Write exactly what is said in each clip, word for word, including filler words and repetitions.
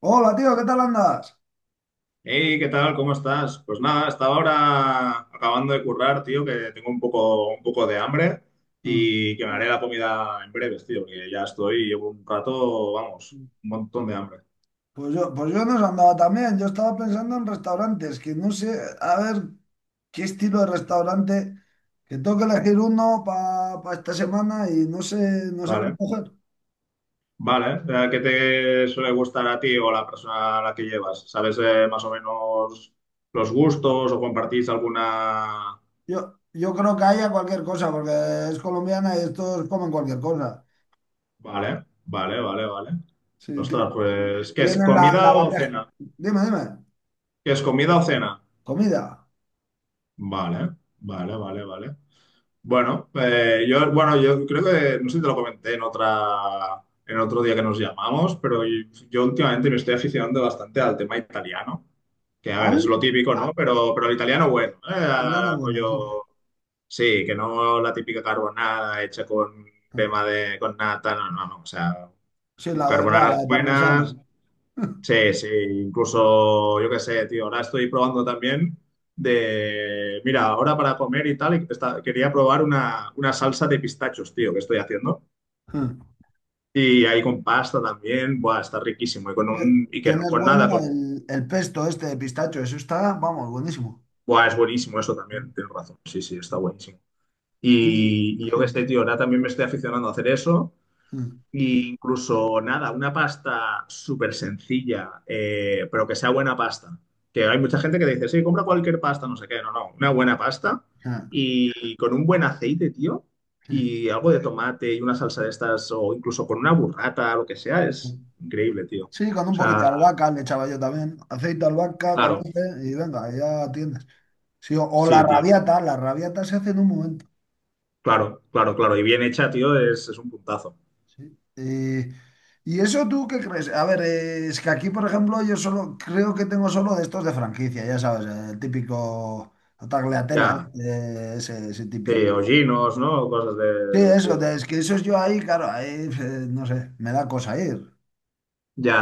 Hola, tío, ¿qué tal andas? Hey, ¿qué tal? ¿Cómo estás? Pues nada, estaba ahora acabando de currar, tío, que tengo un poco, un poco de hambre Mm. y que me haré la comida en breves, tío, porque ya estoy, llevo un rato, vamos, un montón de hambre. Pues yo, pues yo no os andaba también. Yo estaba pensando en restaurantes, que no sé, a ver qué estilo de restaurante, que tengo que elegir uno para esta semana y no sé, no sé cómo Vale, coger. vale. Eh, ¿Qué te suele gustar a ti o a la persona a la que llevas? ¿Sabes eh, más o menos los gustos o compartís alguna? Yo, yo creo que haya cualquier cosa, porque es colombiana y estos comen cualquier cosa. Vale, vale, vale, vale. Sí, ti- Ostras, pues, ¿qué es tienen la, la comida o bandeja. cena? Dime, dime. ¿Qué es comida o cena? Comida. Vale, vale, vale, vale. Bueno, eh, yo, bueno, yo creo que, no sé si te lo comenté en otra, en otro día que nos llamamos, pero yo, yo últimamente me estoy aficionando bastante al tema italiano, que a ver, ¿Al? es lo típico, ah, ¿no? Pero, pero el italiano bueno, Italiana eh, buena, sí. rollo, sí, que no la típica carbonada hecha con Ah. crema de, con nata, no, no, no, o sea, Sí, la de verdad, la carbonadas de parmesano. buenas, sí, sí, incluso, yo qué sé, tío, ahora estoy probando también de, mira, ahora para comer y tal, y esta- quería probar una, una salsa de pistachos, tío, que estoy haciendo. Y ahí con pasta también, buah, está riquísimo. Y con Tie- un, y que no- Tienes con bueno nada, con, el, el pesto este de pistacho, eso está, vamos, buenísimo. buah, es buenísimo eso también, tienes razón. Sí, sí, está buenísimo. Y- Y, y yo qué sé, tío, ahora también me estoy aficionando a hacer eso. Y incluso nada, una pasta súper sencilla, eh, pero que sea buena pasta. Que hay mucha gente que dice, sí, compra cualquier pasta, no sé qué. No, no, una buena pasta y con un buen aceite, tío, Sí, y algo de tomate y una salsa de estas, o incluso con una burrata, lo que sea, es increíble, tío. O sí, con un poquito de sea, albahaca le echaba yo también. Aceite, albahaca, claro, tomate y venga, ya tienes. Sí, o, o la sí, tío, rabiata, la rabiata se hace en un momento. claro, claro, claro. Y bien hecha, tío, es, es un puntazo. Sí. Eh, ¿y eso tú qué crees? A ver, eh, es que aquí, por ejemplo, yo solo creo que tengo solo de estos de franquicia, ya sabes, el típico tagliatella, Ya, este, ese, ese sí, típico. hollinos, ¿no? Cosas de- Sí, del eso, estilo. de- es que eso es yo ahí, claro, ahí, eh, no sé, me da cosa ir. Ya,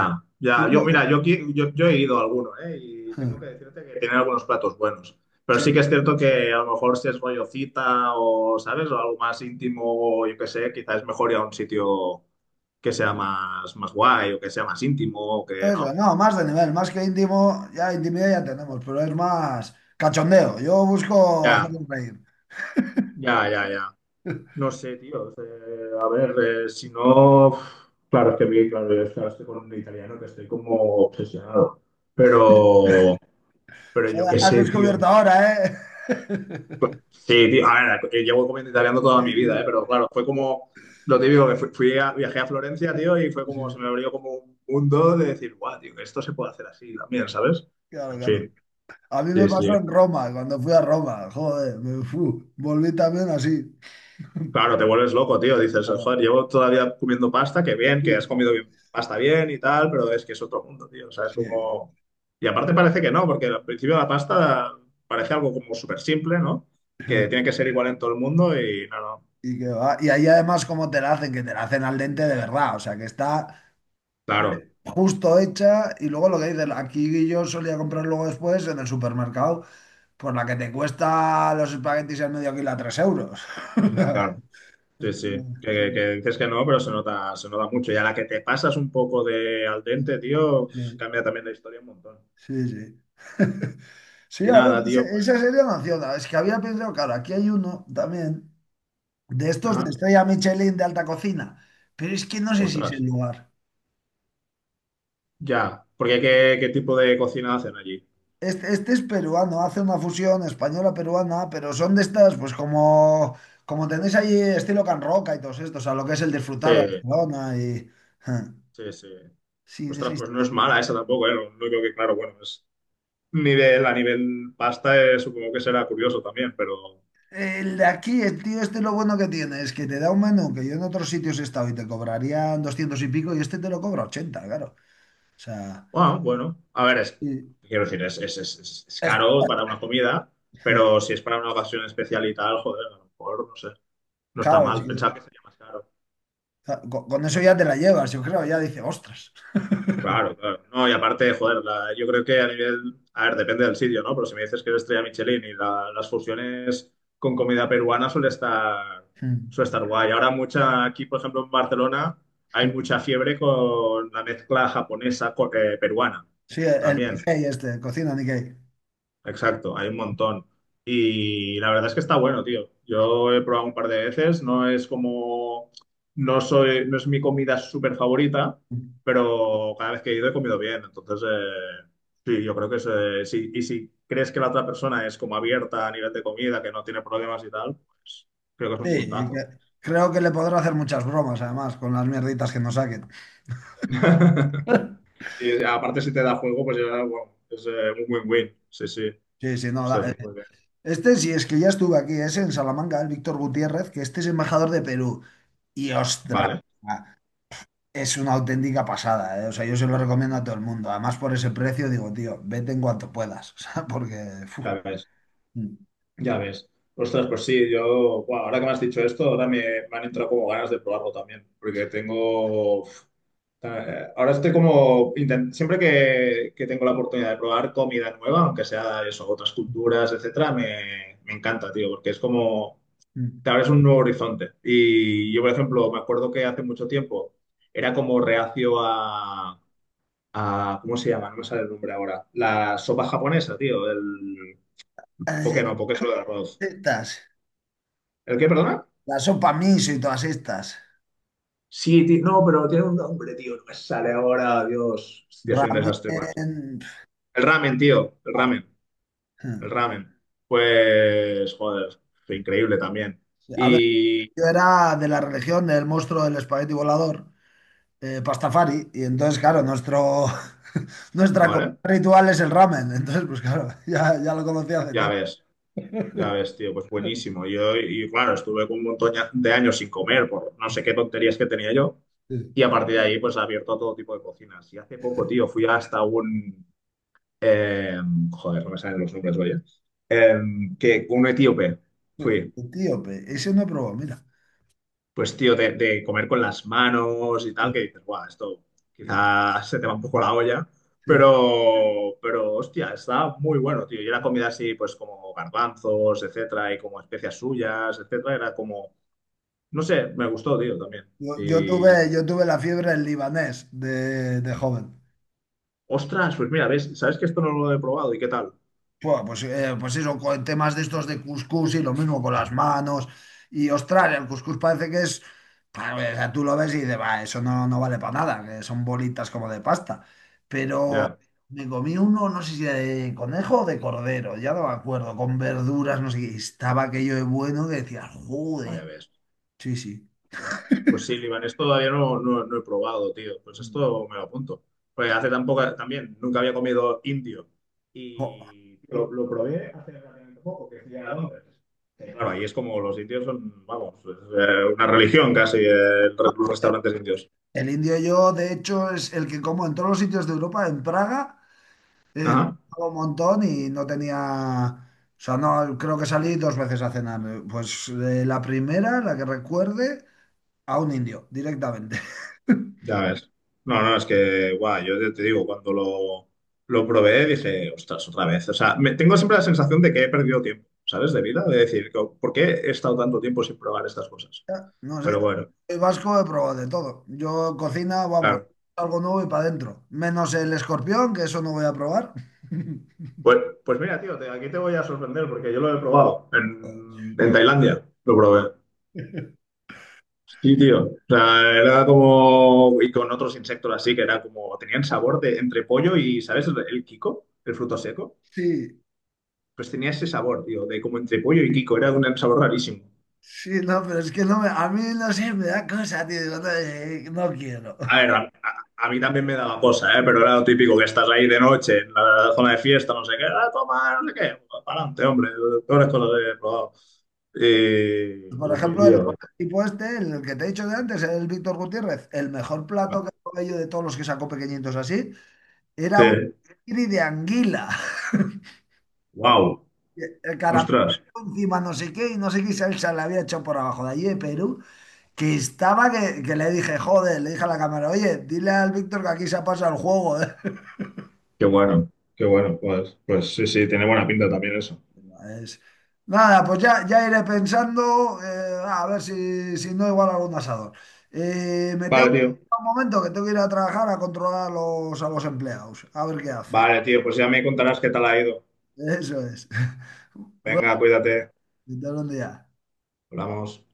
ya. Tú, Yo, co- mira, yo, aquí- yo, yo he ido a alguno, ¿eh? Y sí, tengo que decirte que tienen algunos platos buenos. Pero sí sí. que es cierto que a lo mejor si es rollo cita o, ¿sabes?, o algo más íntimo, o yo qué sé, quizás es mejor ir a un sitio que sea más, más guay o que sea más íntimo o que, Eso, ¿no? no, más de nivel, más que íntimo, ya intimidad ya tenemos, pero es más cachondeo. Yo busco Ya, hacerles reír. ya, ya, ya. No sé, tío. O sea, a ver, eh, si no, uf, claro, es que vi, claro, yo estaba- estoy con un italiano que estoy como obsesionado. Pero, pero yo Joder, qué has sé, descubierto tío. ahora, ¿eh? Sí, tío, a ver, eh, llevo comiendo italiano toda mi vida, ¿eh? Sí, Pero claro, fue como lo típico que fui, fui a- viajé a Florencia, tío, y fue sí, sí, como, se me abrió como un mundo de decir, guau, tío, que esto se puede hacer así también, ¿sabes? claro, En claro. fin, A mí me sí, pasó sí. en Roma, cuando fui a Roma, joder, me fu, volví también así. Claro, te vuelves loco, tío, dices, Joder, joder, llevo todavía comiendo pasta, que bien, que has sí, comido bien, pasta bien y tal, pero es que es otro mundo, tío, o sea, es sí. como. Y aparte parece que no, porque al principio la pasta parece algo como súper simple, ¿no? Que tiene que ser igual en todo el mundo y no, no, Y, que va. Y ahí además como te la hacen, que te la hacen al dente de verdad, o sea que está claro. eh, justo hecha, y luego lo que dices, aquí yo solía comprar luego después en el supermercado, pues la que te cuesta los espaguetis al medio kilo a tres euros. Claro. Sí, sí, que, que- que Sí, dices que no, pero se nota, se nota mucho. Y a la que te pasas un poco de al dente, tío, sí, cambia también la historia un montón. sí, sí. Sí, Y a ver, nada, esa, tío, pues. esa serie nació, es que había pensado, claro, aquí hay uno también de estos de Ajá. estrella Michelin de alta cocina, pero es que no sé si es Ostras, el lugar. ya. Porque qué, qué, tipo de cocina hacen allí. Este, este es peruano, hace una fusión española-peruana, pero son de estas, pues como, como tenéis ahí estilo Can Roca y todos estos, a lo que es el disfrutar de Sí, Barcelona y... Ja, sí, sí. sí, de ese Ostras, pues no est- es mala esa tampoco, ¿eh? Lo único que, claro, bueno, es nivel, a nivel pasta, eh, supongo que será curioso también, pero. el de aquí. El tío, este lo bueno que tiene es que te da un menú que yo en otros sitios he estado y te cobrarían doscientos y pico y este te lo cobra ochenta, claro. O sea, Bueno, bueno. A ver, es, y quiero decir, es, es, es, es es es- caro para una comida, pero si es para una ocasión especial y tal, joder, a lo mejor, no sé. No está claro, es mal, pensaba que que sería más caro. claro, con, con eso ya te la llevas, yo creo, ya dice, ostras. Claro, claro. No, y aparte, joder, la- yo creo que a nivel, a ver, depende del sitio, ¿no? Pero si me dices que es estrella Michelin y la- las fusiones con comida peruana suele estar, suele estar guay. Ahora mucha, aquí, por ejemplo, en Barcelona hay mucha fiebre con la mezcla japonesa con, eh, peruana Sí, el también. Nikkei este, cocina Nikkei. Exacto, hay un montón. Y la verdad es que está bueno, tío. Yo he probado un par de veces, no es como, no soy, no es mi comida súper favorita, pero cada vez que he ido he comido bien. Entonces, eh, sí, yo creo que es, eh, sí. Y si crees que la otra persona es como abierta a nivel de comida, que no tiene problemas y tal, pues creo que es un Sí, puntazo. que- creo que le podrá hacer muchas bromas, además, con las mierditas que nos saquen. Sí, aparte si te da juego, pues ya, bueno, es eh, un win-win. Sí, sí. Sí, sí, no. da- eh, Entonces, muy bien. Este sí, es que ya estuve aquí, ese en Salamanca, el Víctor Gutiérrez, que este es embajador de Perú. Y ostras, Vale, es una auténtica pasada, ¿eh? O sea, yo se lo recomiendo a todo el mundo. Además, por ese precio, digo, tío, vete en cuanto puedas. O sea, porque. Fu, ya ves. mm, Ya ves. Ostras, pues sí, yo, buah, ahora que me has dicho esto, ahora me, me han entrado como ganas de probarlo también, porque tengo, uf, eh, ahora estoy como, intent- siempre que, que tengo la oportunidad de probar comida nueva, aunque sea eso, otras culturas, etcétera, me, me encanta, tío, porque es como, mm. te abres un nuevo horizonte. Y yo, por ejemplo, me acuerdo que hace mucho tiempo era como reacio a, a- ¿cómo se llama? No me sale el nombre ahora. La sopa japonesa, tío, el poke Las no, poke solo de arroz. Estas, ¿El qué, perdona? la sopa miso y todas estas. Sí, ti- no, pero tiene un nombre, tío. No me sale ahora, Dios. Hostia, soy un Ramen. desastre con esto. El ramen, tío. El ramen. pf, El ramen. Pues, joder, fue increíble también. A ver, Y, yo era de la religión del monstruo del espagueti volador. eh, Pastafari, y entonces, claro, nuestro, nuestra comida vale, ritual es el ramen, entonces, pues claro, ya, ya lo conocí hace ya tiempo. ves, ya ves, tío, pues buenísimo. Yo, y claro, estuve con un montón de años sin comer por no sé qué tonterías que tenía yo. Sí, Y a partir de ahí, pues, abierto a todo tipo de cocinas. Y hace poco, tío, fui hasta un, em, joder, no me salen los nombres, oye. Em, que un etíope sí. fui Etíope, ese no he probado, mira. pues tío, de, de comer con las manos y tal, Sí, que dices, guau, esto quizás se te va un poco la olla, sí. pero, pero hostia, está muy bueno, tío. Y era comida así, pues como garbanzos, etcétera, y como especias suyas, etcétera, era como, no sé, me gustó, tío, también. Yo, yo Y, tuve, yo tuve la fiebre del libanés de, de joven. ostras, pues mira, ves, ¿sabes que esto no lo he probado? ¿Y qué tal? Pua, Pues, eh, pues eso, con temas de estos de cuscús y lo mismo con las manos. Y ostras, el cuscús parece que es. pa, O sea, tú lo ves y dices, va, eso no, no vale para nada, que son bolitas como de pasta. Pero Ya, me comí uno, no sé si de conejo o de cordero, ya no me acuerdo, con verduras, no sé qué. Y estaba aquello de bueno que decía, vaya, joder. ves. Sí, sí. Ya ves. Pues sí, libanés todavía no, no, no he probado, tío. Pues esto me lo apunto. Porque hace tampoco, también, nunca había comido indio. Jo. Y lo, lo probé hace relativamente poco, que fui a Londres. Eh, Claro, ahí es como los indios son, vamos, es, eh, una religión casi, eh, el re- los restaurantes indios. El indio yo, de hecho, es el que como en todos los sitios de Europa, en Praga. Eh, Ajá, Trabajaba un montón y no tenía, o sea, no, creo que salí dos veces a cenar. Pues eh, la primera, la que recuerde, a un indio, directamente. ya ves. No, no, es que, guau, yo te te digo, cuando lo, lo probé dije, ostras, otra vez. O sea, me, tengo siempre la sensación de que he perdido tiempo, ¿sabes? De vida, de decir, co- ¿por qué he estado tanto tiempo sin probar estas cosas? Ya, no sé, Pero bueno, el vasco he probado de todo. Yo cocina, vamos, claro. algo nuevo y para adentro. Menos el escorpión, que eso no voy a probar. Pues, pues mira, tío, te- aquí te voy a sorprender porque yo lo he probado en, en, Tailandia. Lo probé. Sí, tío. O sea, era como. Y con otros insectos así, que era como. Tenían sabor de entre pollo y, ¿sabes?, El, el kiko, el fruto seco. Sí, Pues tenía ese sabor, tío, de como entre pollo y kiko. Era un sabor rarísimo. sí, no, pero es que no me, a mí no sé, me da cosa, tío. Digo, no, eh, no quiero. A ver, a, a- a mí también me daba cosa, ¿eh? Pero era lo típico, que estás ahí de noche en la zona de fiesta, no sé qué. Ah, toma, no sé qué. Para adelante, hombre. Peores cosas he probado. Pues, por Y, y sí, ejemplo, el tío. tipo este, el que te he dicho de antes, el Víctor Gutiérrez, el mejor plato que probé yo de todos los que sacó pequeñitos así, era Sí, un nigiri de anguila. wow, El caramelo ostras, encima no sé qué y no sé qué salsa le había hecho por abajo de allí de Perú, que estaba que, que, le dije, joder, le dije a la cámara, oye, dile al Víctor que aquí se ha pasado el juego, eh". qué bueno, qué bueno, pues, pues sí, sí, tiene buena pinta también eso. Es- Nada, pues ya, ya iré pensando, eh, a ver si, si no igual algún asador. Eh, me tengo Vale, que ir tío, un momento que tengo que ir a trabajar a controlar a los, a los empleados, a ver qué hacen. vale, tío, pues ya me contarás qué tal ha ido. Eso es. Bueno, Venga, cuídate, hasta un día. hablamos.